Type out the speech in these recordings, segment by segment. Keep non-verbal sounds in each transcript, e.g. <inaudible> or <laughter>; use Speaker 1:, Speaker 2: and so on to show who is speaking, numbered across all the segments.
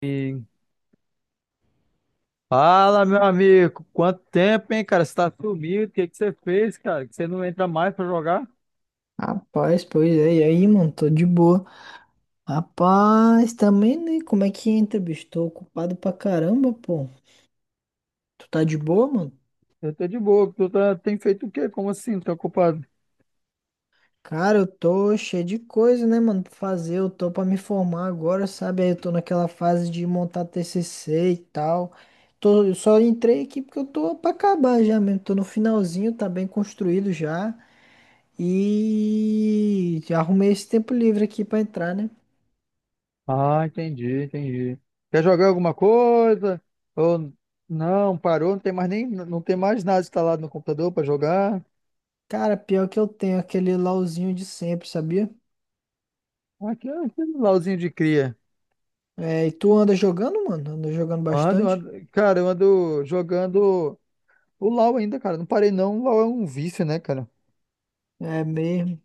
Speaker 1: E fala, meu amigo. Quanto tempo, hein, cara? Você tá sumido? O que que você fez, cara? Que você não entra mais pra jogar?
Speaker 2: Rapaz, pois é, e aí, mano, tô de boa. Rapaz, também, né? Como é que entra, bicho? Tô ocupado pra caramba, pô. Tu tá de boa, mano?
Speaker 1: Eu tô de boa. Tu tá... tem feito o quê? Como assim? Não tá ocupado?
Speaker 2: Cara, eu tô cheio de coisa, né, mano, pra fazer. Eu tô pra me formar agora, sabe? Aí eu tô naquela fase de montar TCC e tal. Tô, eu só entrei aqui porque eu tô pra acabar já mesmo. Tô no finalzinho, tá bem construído já. E já arrumei esse tempo livre aqui pra entrar, né?
Speaker 1: Ah, entendi, entendi. Quer jogar alguma coisa? Ou não, parou, não tem mais nem, não tem mais nada instalado no computador pra jogar.
Speaker 2: Cara, pior que eu tenho aquele LOLzinho de sempre, sabia?
Speaker 1: Aqui é aquele LOLzinho de cria.
Speaker 2: É, e tu anda jogando, mano? Anda jogando
Speaker 1: Ando,
Speaker 2: bastante?
Speaker 1: ando, cara, eu ando jogando o LOL ainda, cara. Não parei não. O LOL é um vício, né, cara?
Speaker 2: É mesmo.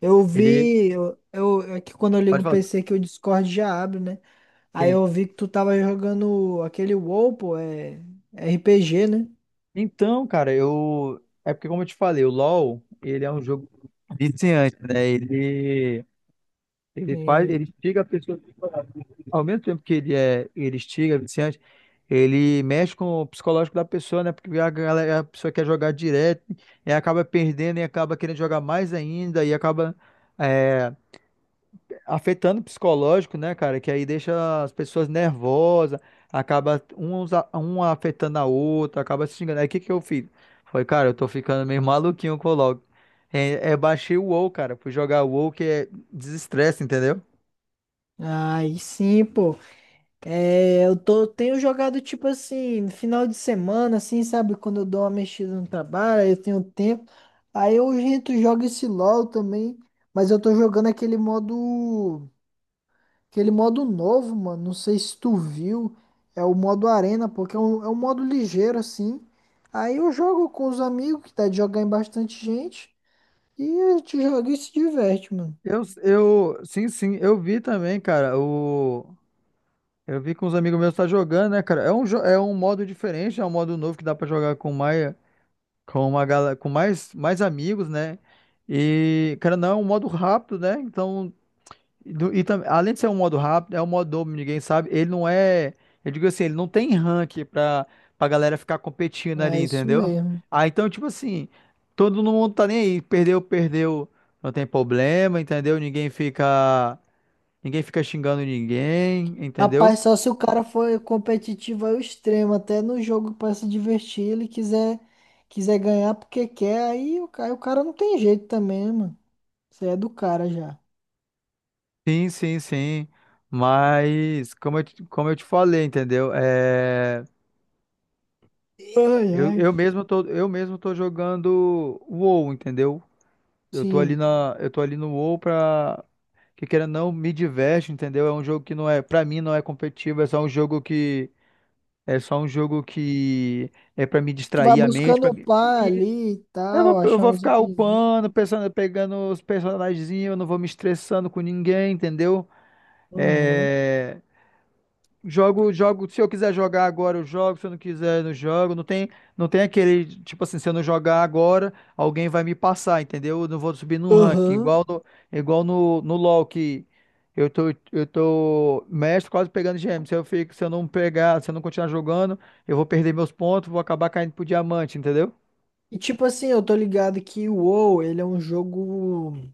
Speaker 2: Eu
Speaker 1: Ele,
Speaker 2: vi, é que quando eu ligo
Speaker 1: pode
Speaker 2: o
Speaker 1: falar.
Speaker 2: PC que o Discord já abre, né? Aí
Speaker 1: Sim.
Speaker 2: eu vi que tu tava jogando aquele WoW, pô, é RPG, né?
Speaker 1: Então, cara, eu. É porque, como eu te falei, o LoL, ele é um jogo viciante, né? Ele faz,
Speaker 2: Sim.
Speaker 1: ele instiga a pessoa. Ao mesmo tempo que ele é, ele instiga, é viciante, ele mexe com o psicológico da pessoa, né? Porque a galera, a pessoa quer jogar direto, e acaba perdendo, e acaba querendo jogar mais ainda, e acaba. é, Afetando o psicológico, né, cara? Que aí deixa as pessoas nervosas, acaba um, um afetando a outra, acaba se xingando. Aí o que que eu fiz? Foi, cara, eu tô ficando meio maluquinho com o LoL. É, é, baixei o WoW, cara. Fui jogar o WoW que é desestresse, entendeu?
Speaker 2: Aí sim, pô. É, tenho jogado tipo assim, no final de semana, assim, sabe? Quando eu dou uma mexida no trabalho, aí eu tenho tempo. Aí eu, gente, jogo esse LoL também, mas eu tô jogando aquele modo. Aquele modo novo, mano, não sei se tu viu, é o modo arena, porque é um modo ligeiro assim. Aí eu jogo com os amigos, que dá de jogar em bastante gente, e a gente joga e se diverte, mano.
Speaker 1: Sim, sim, eu vi também, cara. O, eu vi que uns amigos meus tá jogando, né, cara? É um, é um modo diferente, é um modo novo que dá pra jogar com mais, com uma galera, com mais, mais amigos, né? E, cara, não é um modo rápido, né? Então, e, e além de ser um modo rápido, é um modo dobro, ninguém sabe. Ele não é, eu digo assim, ele não tem rank pra, pra galera ficar competindo ali,
Speaker 2: É isso
Speaker 1: entendeu?
Speaker 2: mesmo.
Speaker 1: Ah, então, tipo assim, todo mundo tá nem aí, perdeu, perdeu, não tem problema, entendeu? Ninguém fica xingando ninguém, entendeu?
Speaker 2: Rapaz, só se o cara for competitivo ao extremo, até no jogo pra se divertir, ele quiser ganhar porque quer, aí cara, o cara não tem jeito também, né, mano. Você é do cara já.
Speaker 1: Sim, sim, sim. Mas, como eu, como eu te falei, entendeu? É.
Speaker 2: Ai, ai.
Speaker 1: Eu mesmo tô jogando WoW, entendeu?
Speaker 2: Sim.
Speaker 1: Eu tô ali no WoW pra que queira ou não me diverte, entendeu? É um jogo que não é, pra mim não é competitivo, é só um jogo que é pra me
Speaker 2: Tu vai
Speaker 1: distrair a mente,
Speaker 2: buscando
Speaker 1: pra-
Speaker 2: upar
Speaker 1: e
Speaker 2: ali e tal,
Speaker 1: eu
Speaker 2: achar
Speaker 1: vou
Speaker 2: uns
Speaker 1: ficar
Speaker 2: itens.
Speaker 1: upando, pensando, pegando os personagenzinhos, eu não vou me estressando com ninguém, entendeu?
Speaker 2: Aham.
Speaker 1: É, jogo, jogo, se eu quiser jogar agora, eu jogo, se eu não quiser, eu não jogo. Não tem, não tem aquele, tipo assim, se eu não jogar agora, alguém vai me passar, entendeu? Eu não vou subir no ranking,
Speaker 2: Aham.
Speaker 1: igual no, no LoL, que eu tô, eu tô mestre quase pegando gêmeo. Se eu fico, se eu não pegar, se eu não continuar jogando, eu vou perder meus pontos, vou acabar caindo pro diamante, entendeu?
Speaker 2: E tipo assim, eu tô ligado que o WoW, ele é um jogo.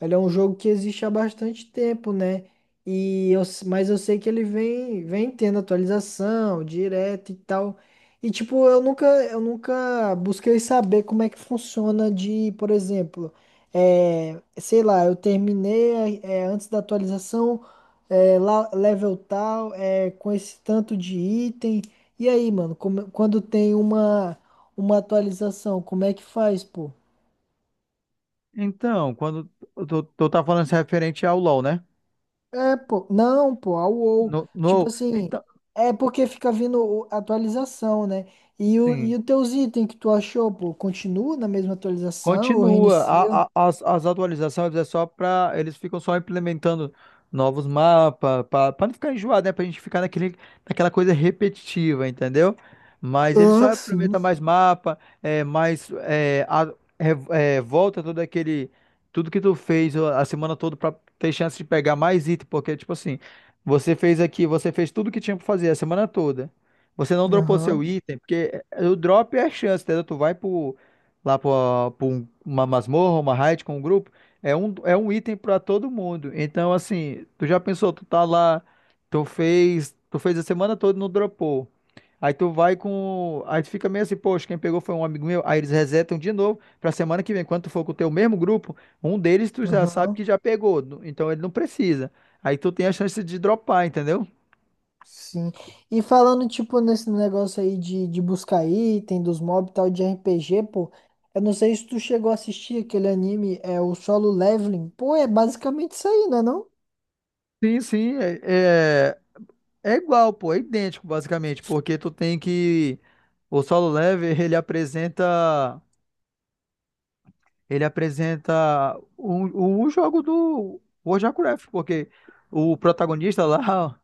Speaker 2: Ele é um jogo que existe há bastante tempo, né? E mas eu sei que ele vem tendo atualização direta e tal. E tipo, eu nunca busquei saber como é que funciona de, por exemplo, é, sei lá, eu terminei é, é, antes da atualização, é, level tal, é, com esse tanto de item. E aí, mano, quando tem uma atualização, como é que faz, pô?
Speaker 1: Então, quando eu tô, tô tá falando isso referente ao LoL, né?
Speaker 2: É, pô, não, pô, a UOL.
Speaker 1: No,
Speaker 2: Tipo
Speaker 1: no,
Speaker 2: assim,
Speaker 1: então,
Speaker 2: é porque fica vindo atualização, né? E, o,
Speaker 1: sim.
Speaker 2: e os teus itens que tu achou, pô, continua na mesma atualização ou
Speaker 1: Continua.
Speaker 2: reinicia?
Speaker 1: As atualizações é só para. Eles ficam só implementando novos mapas, para não ficar enjoado, né? Para a gente ficar naquele, naquela coisa repetitiva, entendeu? Mas eles
Speaker 2: Ah,
Speaker 1: só
Speaker 2: sim.
Speaker 1: implementam mais mapa, é, mais. É, é, volta todo aquele. Tudo que tu fez a semana toda para ter chance de pegar mais item, porque, tipo assim, você fez aqui, você fez tudo que tinha para fazer a semana toda. Você não dropou seu
Speaker 2: Aham,
Speaker 1: item, porque o drop é a chance, entendeu? Tu vai pro lá pra pra uma masmorra, uma raid com um grupo, é um item pra todo mundo. Então, assim, tu já pensou, tu tá lá, tu fez a semana toda e não dropou. Aí tu vai com. Aí tu fica meio assim, poxa, quem pegou foi um amigo meu. Aí eles resetam de novo pra semana que vem. Quando tu for com o teu mesmo grupo, um deles tu já sabe
Speaker 2: aham,
Speaker 1: que já pegou. Então ele não precisa. Aí tu tem a chance de dropar, entendeu?
Speaker 2: sim. E falando, tipo, nesse negócio aí de buscar item dos mobs e tal, de RPG, pô, eu não sei se tu chegou a assistir aquele anime, é o Solo Leveling. Pô, é basicamente isso aí, né?
Speaker 1: Sim, sim. É igual, pô, é idêntico basicamente, porque tu tem que o solo level, ele apresenta o jogo do World of Warcraft, porque o protagonista lá, <laughs>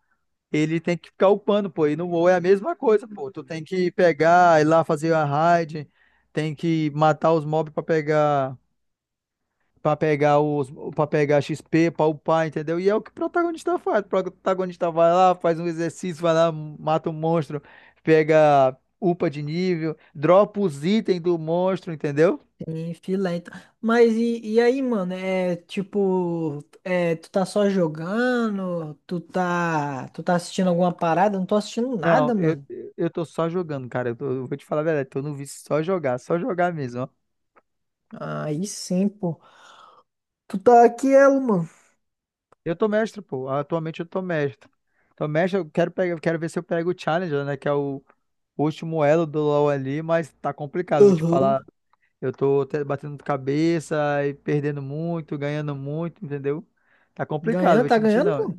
Speaker 1: ele tem que ficar upando, pô, e no WoW é a mesma coisa, pô. Tu tem que pegar, ir lá fazer a raid, tem que matar os mobs pra pegar pra pegar os, para pegar XP, pra upar, entendeu? E é o que o protagonista faz. O protagonista vai lá, faz um exercício, vai lá, mata um monstro, pega upa de nível, dropa os itens do monstro, entendeu?
Speaker 2: Sim, filé. Então. Mas e aí, mano? É tipo, é, tu tá só jogando? Tu tá assistindo alguma parada? Eu não tô assistindo
Speaker 1: Não,
Speaker 2: nada,
Speaker 1: eu,
Speaker 2: mano.
Speaker 1: eu tô só jogando, cara. Eu, eu vou te falar a verdade, tô no vício só jogar mesmo, ó.
Speaker 2: Aí sim, pô. Tu tá aqui, ela, mano.
Speaker 1: Eu tô mestre, pô. Atualmente eu tô mestre. Tô mestre, eu quero pegar, eu quero ver se eu pego o Challenger, né? Que é o último elo do LoL ali, mas tá complicado, eu vou te falar.
Speaker 2: Uhum.
Speaker 1: Eu tô batendo cabeça e perdendo muito, ganhando muito, entendeu? Tá complicado,
Speaker 2: Ganhando,
Speaker 1: vou
Speaker 2: tá
Speaker 1: te mentir
Speaker 2: ganhando, pô?
Speaker 1: não.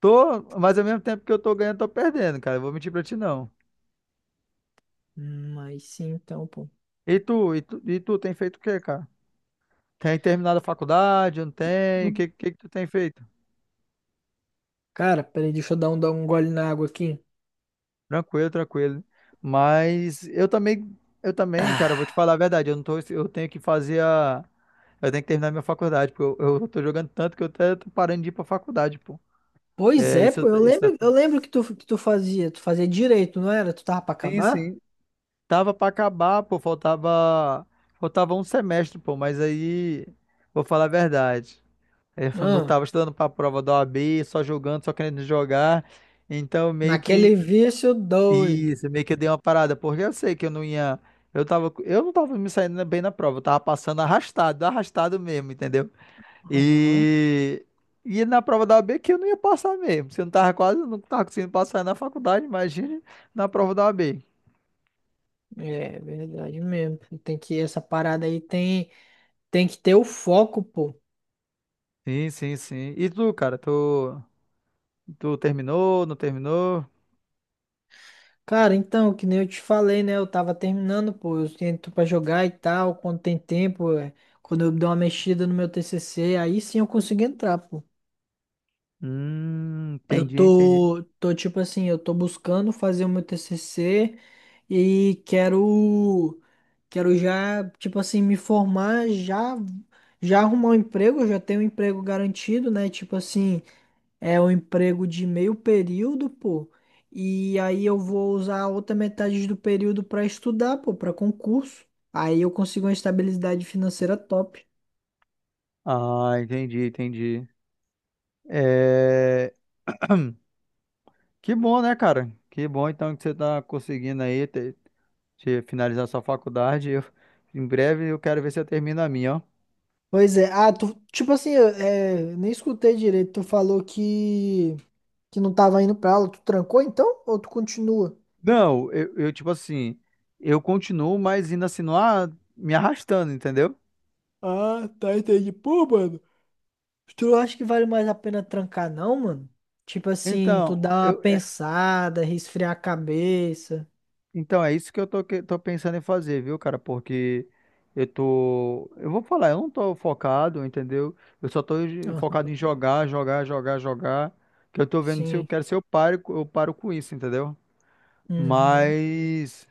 Speaker 1: Tô, mas ao mesmo tempo que eu tô ganhando, tô perdendo, cara. Eu vou mentir pra ti não.
Speaker 2: Aí sim, então, pô.
Speaker 1: E tu tem feito o quê, cara? Tem terminado a faculdade? Não tem? O que, que tu tem feito?
Speaker 2: Cara, peraí, deixa eu dar um gole na água aqui.
Speaker 1: Tranquilo, tranquilo. Mas eu também, cara, eu vou te falar a verdade. Eu não tô, eu tenho que terminar minha faculdade, porque eu tô jogando tanto que eu até tô parando de ir pra faculdade, pô.
Speaker 2: Pois
Speaker 1: É,
Speaker 2: é,
Speaker 1: isso,
Speaker 2: pô. Eu
Speaker 1: isso,
Speaker 2: lembro, eu lembro que tu fazia. Tu fazia direito, não era? Tu tava pra
Speaker 1: sim,
Speaker 2: acabar?
Speaker 1: sim. Tava pra acabar, pô, faltava um semestre, pô, mas aí vou falar a verdade. Eu <laughs> não
Speaker 2: Ah,
Speaker 1: tava estudando pra prova da OAB, só jogando, só querendo jogar. Então meio
Speaker 2: naquele
Speaker 1: que
Speaker 2: vício doido.
Speaker 1: isso, meio que eu dei uma parada, porque eu sei que eu não ia eu não tava me saindo bem na prova, eu tava passando arrastado, arrastado mesmo, entendeu?
Speaker 2: Aham.
Speaker 1: E E na prova da OAB que eu não ia passar mesmo. Se eu não tava quase, não tava conseguindo passar na faculdade, imagine na prova da OAB.
Speaker 2: É verdade mesmo. Tem que essa parada aí tem que ter o foco, pô.
Speaker 1: Sim, sim, sim. E tu, cara, tu tu terminou, não terminou?
Speaker 2: Cara, então, que nem eu te falei, né? Eu tava terminando, pô. Eu tento pra jogar e tal, quando tem tempo, é. Quando eu dou uma mexida no meu TCC, aí sim eu consigo entrar, pô. Eu
Speaker 1: Entendi, entendi.
Speaker 2: tô tô tipo assim, eu tô buscando fazer o meu TCC e quero já, tipo assim, me formar, já já arrumar um emprego, eu já tenho um emprego garantido, né? Tipo assim, é um emprego de meio período, pô. E aí eu vou usar a outra metade do período para estudar, pô, para concurso. Aí eu consigo uma estabilidade financeira top.
Speaker 1: Ah, entendi, entendi. É... Que bom, né, cara? Que bom, então, que você tá conseguindo aí te finalizar sua faculdade. Eu- em breve eu quero ver se eu termino a minha, ó.
Speaker 2: Pois é. Ah, tu, tipo assim, eu, é, nem escutei direito. Tu falou que não tava indo pra aula. Tu trancou então? Ou tu continua?
Speaker 1: Não, tipo assim, eu continuo, mas ainda assim, não a- me arrastando, entendeu?
Speaker 2: Ah, tá, entendi. Pô, mano. Tu não acha que vale mais a pena trancar, não, mano? Tipo assim, tu
Speaker 1: Então,
Speaker 2: dá uma
Speaker 1: eu,
Speaker 2: pensada, resfriar a cabeça.
Speaker 1: Então, é isso que tô pensando em fazer, viu, cara? Porque eu tô. Eu vou falar, eu não tô focado, entendeu? Eu só tô focado
Speaker 2: Aham.
Speaker 1: em jogar, jogar, jogar, jogar. Que eu tô vendo se eu
Speaker 2: Sim.
Speaker 1: quero, se eu paro, eu paro com isso, entendeu?
Speaker 2: Uhum.
Speaker 1: Mas,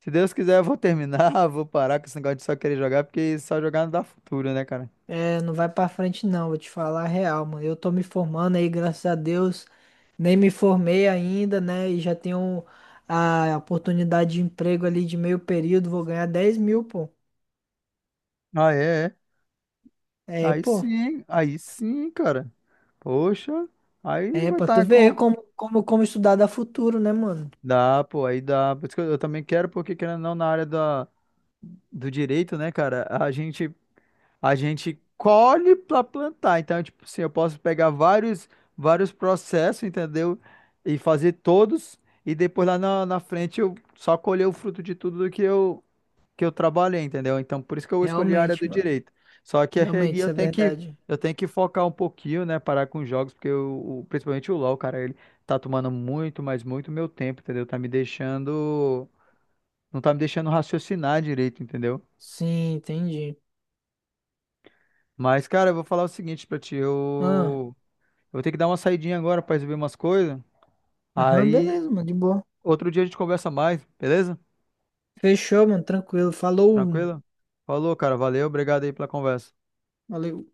Speaker 1: se Deus quiser, eu vou terminar, <laughs> vou parar com esse negócio de só querer jogar, porque só jogar não dá futuro, né, cara?
Speaker 2: É, não vai pra frente não, vou te falar a real, mano. Eu tô me formando aí, graças a Deus. Nem me formei ainda, né? E já tenho a oportunidade de emprego ali de meio período, vou ganhar 10 mil, pô.
Speaker 1: Ah, é, é.
Speaker 2: É, pô.
Speaker 1: Aí sim, cara. Poxa, aí
Speaker 2: É,
Speaker 1: vai
Speaker 2: pra tu
Speaker 1: estar
Speaker 2: ver
Speaker 1: com.
Speaker 2: como estudar dá futuro, né, mano?
Speaker 1: Dá, pô, aí dá. Por isso que eu também quero, porque querendo ou não, na área da. Do direito, né, cara? A gente colhe para plantar. Então, tipo assim, eu posso pegar vários vários processos, entendeu? E fazer todos e depois lá na, na frente eu só colher o fruto de tudo que eu trabalhei, entendeu? Então, por isso que eu escolhi a área do
Speaker 2: Realmente, mano.
Speaker 1: direito. Só que
Speaker 2: Realmente,
Speaker 1: aí
Speaker 2: isso é verdade.
Speaker 1: eu tenho que focar um pouquinho, né, parar com os jogos, porque principalmente o LoL, cara, ele tá tomando muito, mas muito meu tempo, entendeu? Tá me deixando não tá me deixando raciocinar direito, entendeu?
Speaker 2: Sim, entendi.
Speaker 1: Mas, cara, eu vou falar o seguinte pra ti.
Speaker 2: Ah,
Speaker 1: Eu vou ter que dar uma saidinha agora pra resolver umas coisas.
Speaker 2: aham,
Speaker 1: Aí,
Speaker 2: beleza, mano, de boa.
Speaker 1: outro dia a gente conversa mais, beleza?
Speaker 2: Fechou, mano, tranquilo. Falou.
Speaker 1: Tranquilo? Falou, cara. Valeu. Obrigado aí pela conversa.
Speaker 2: Valeu.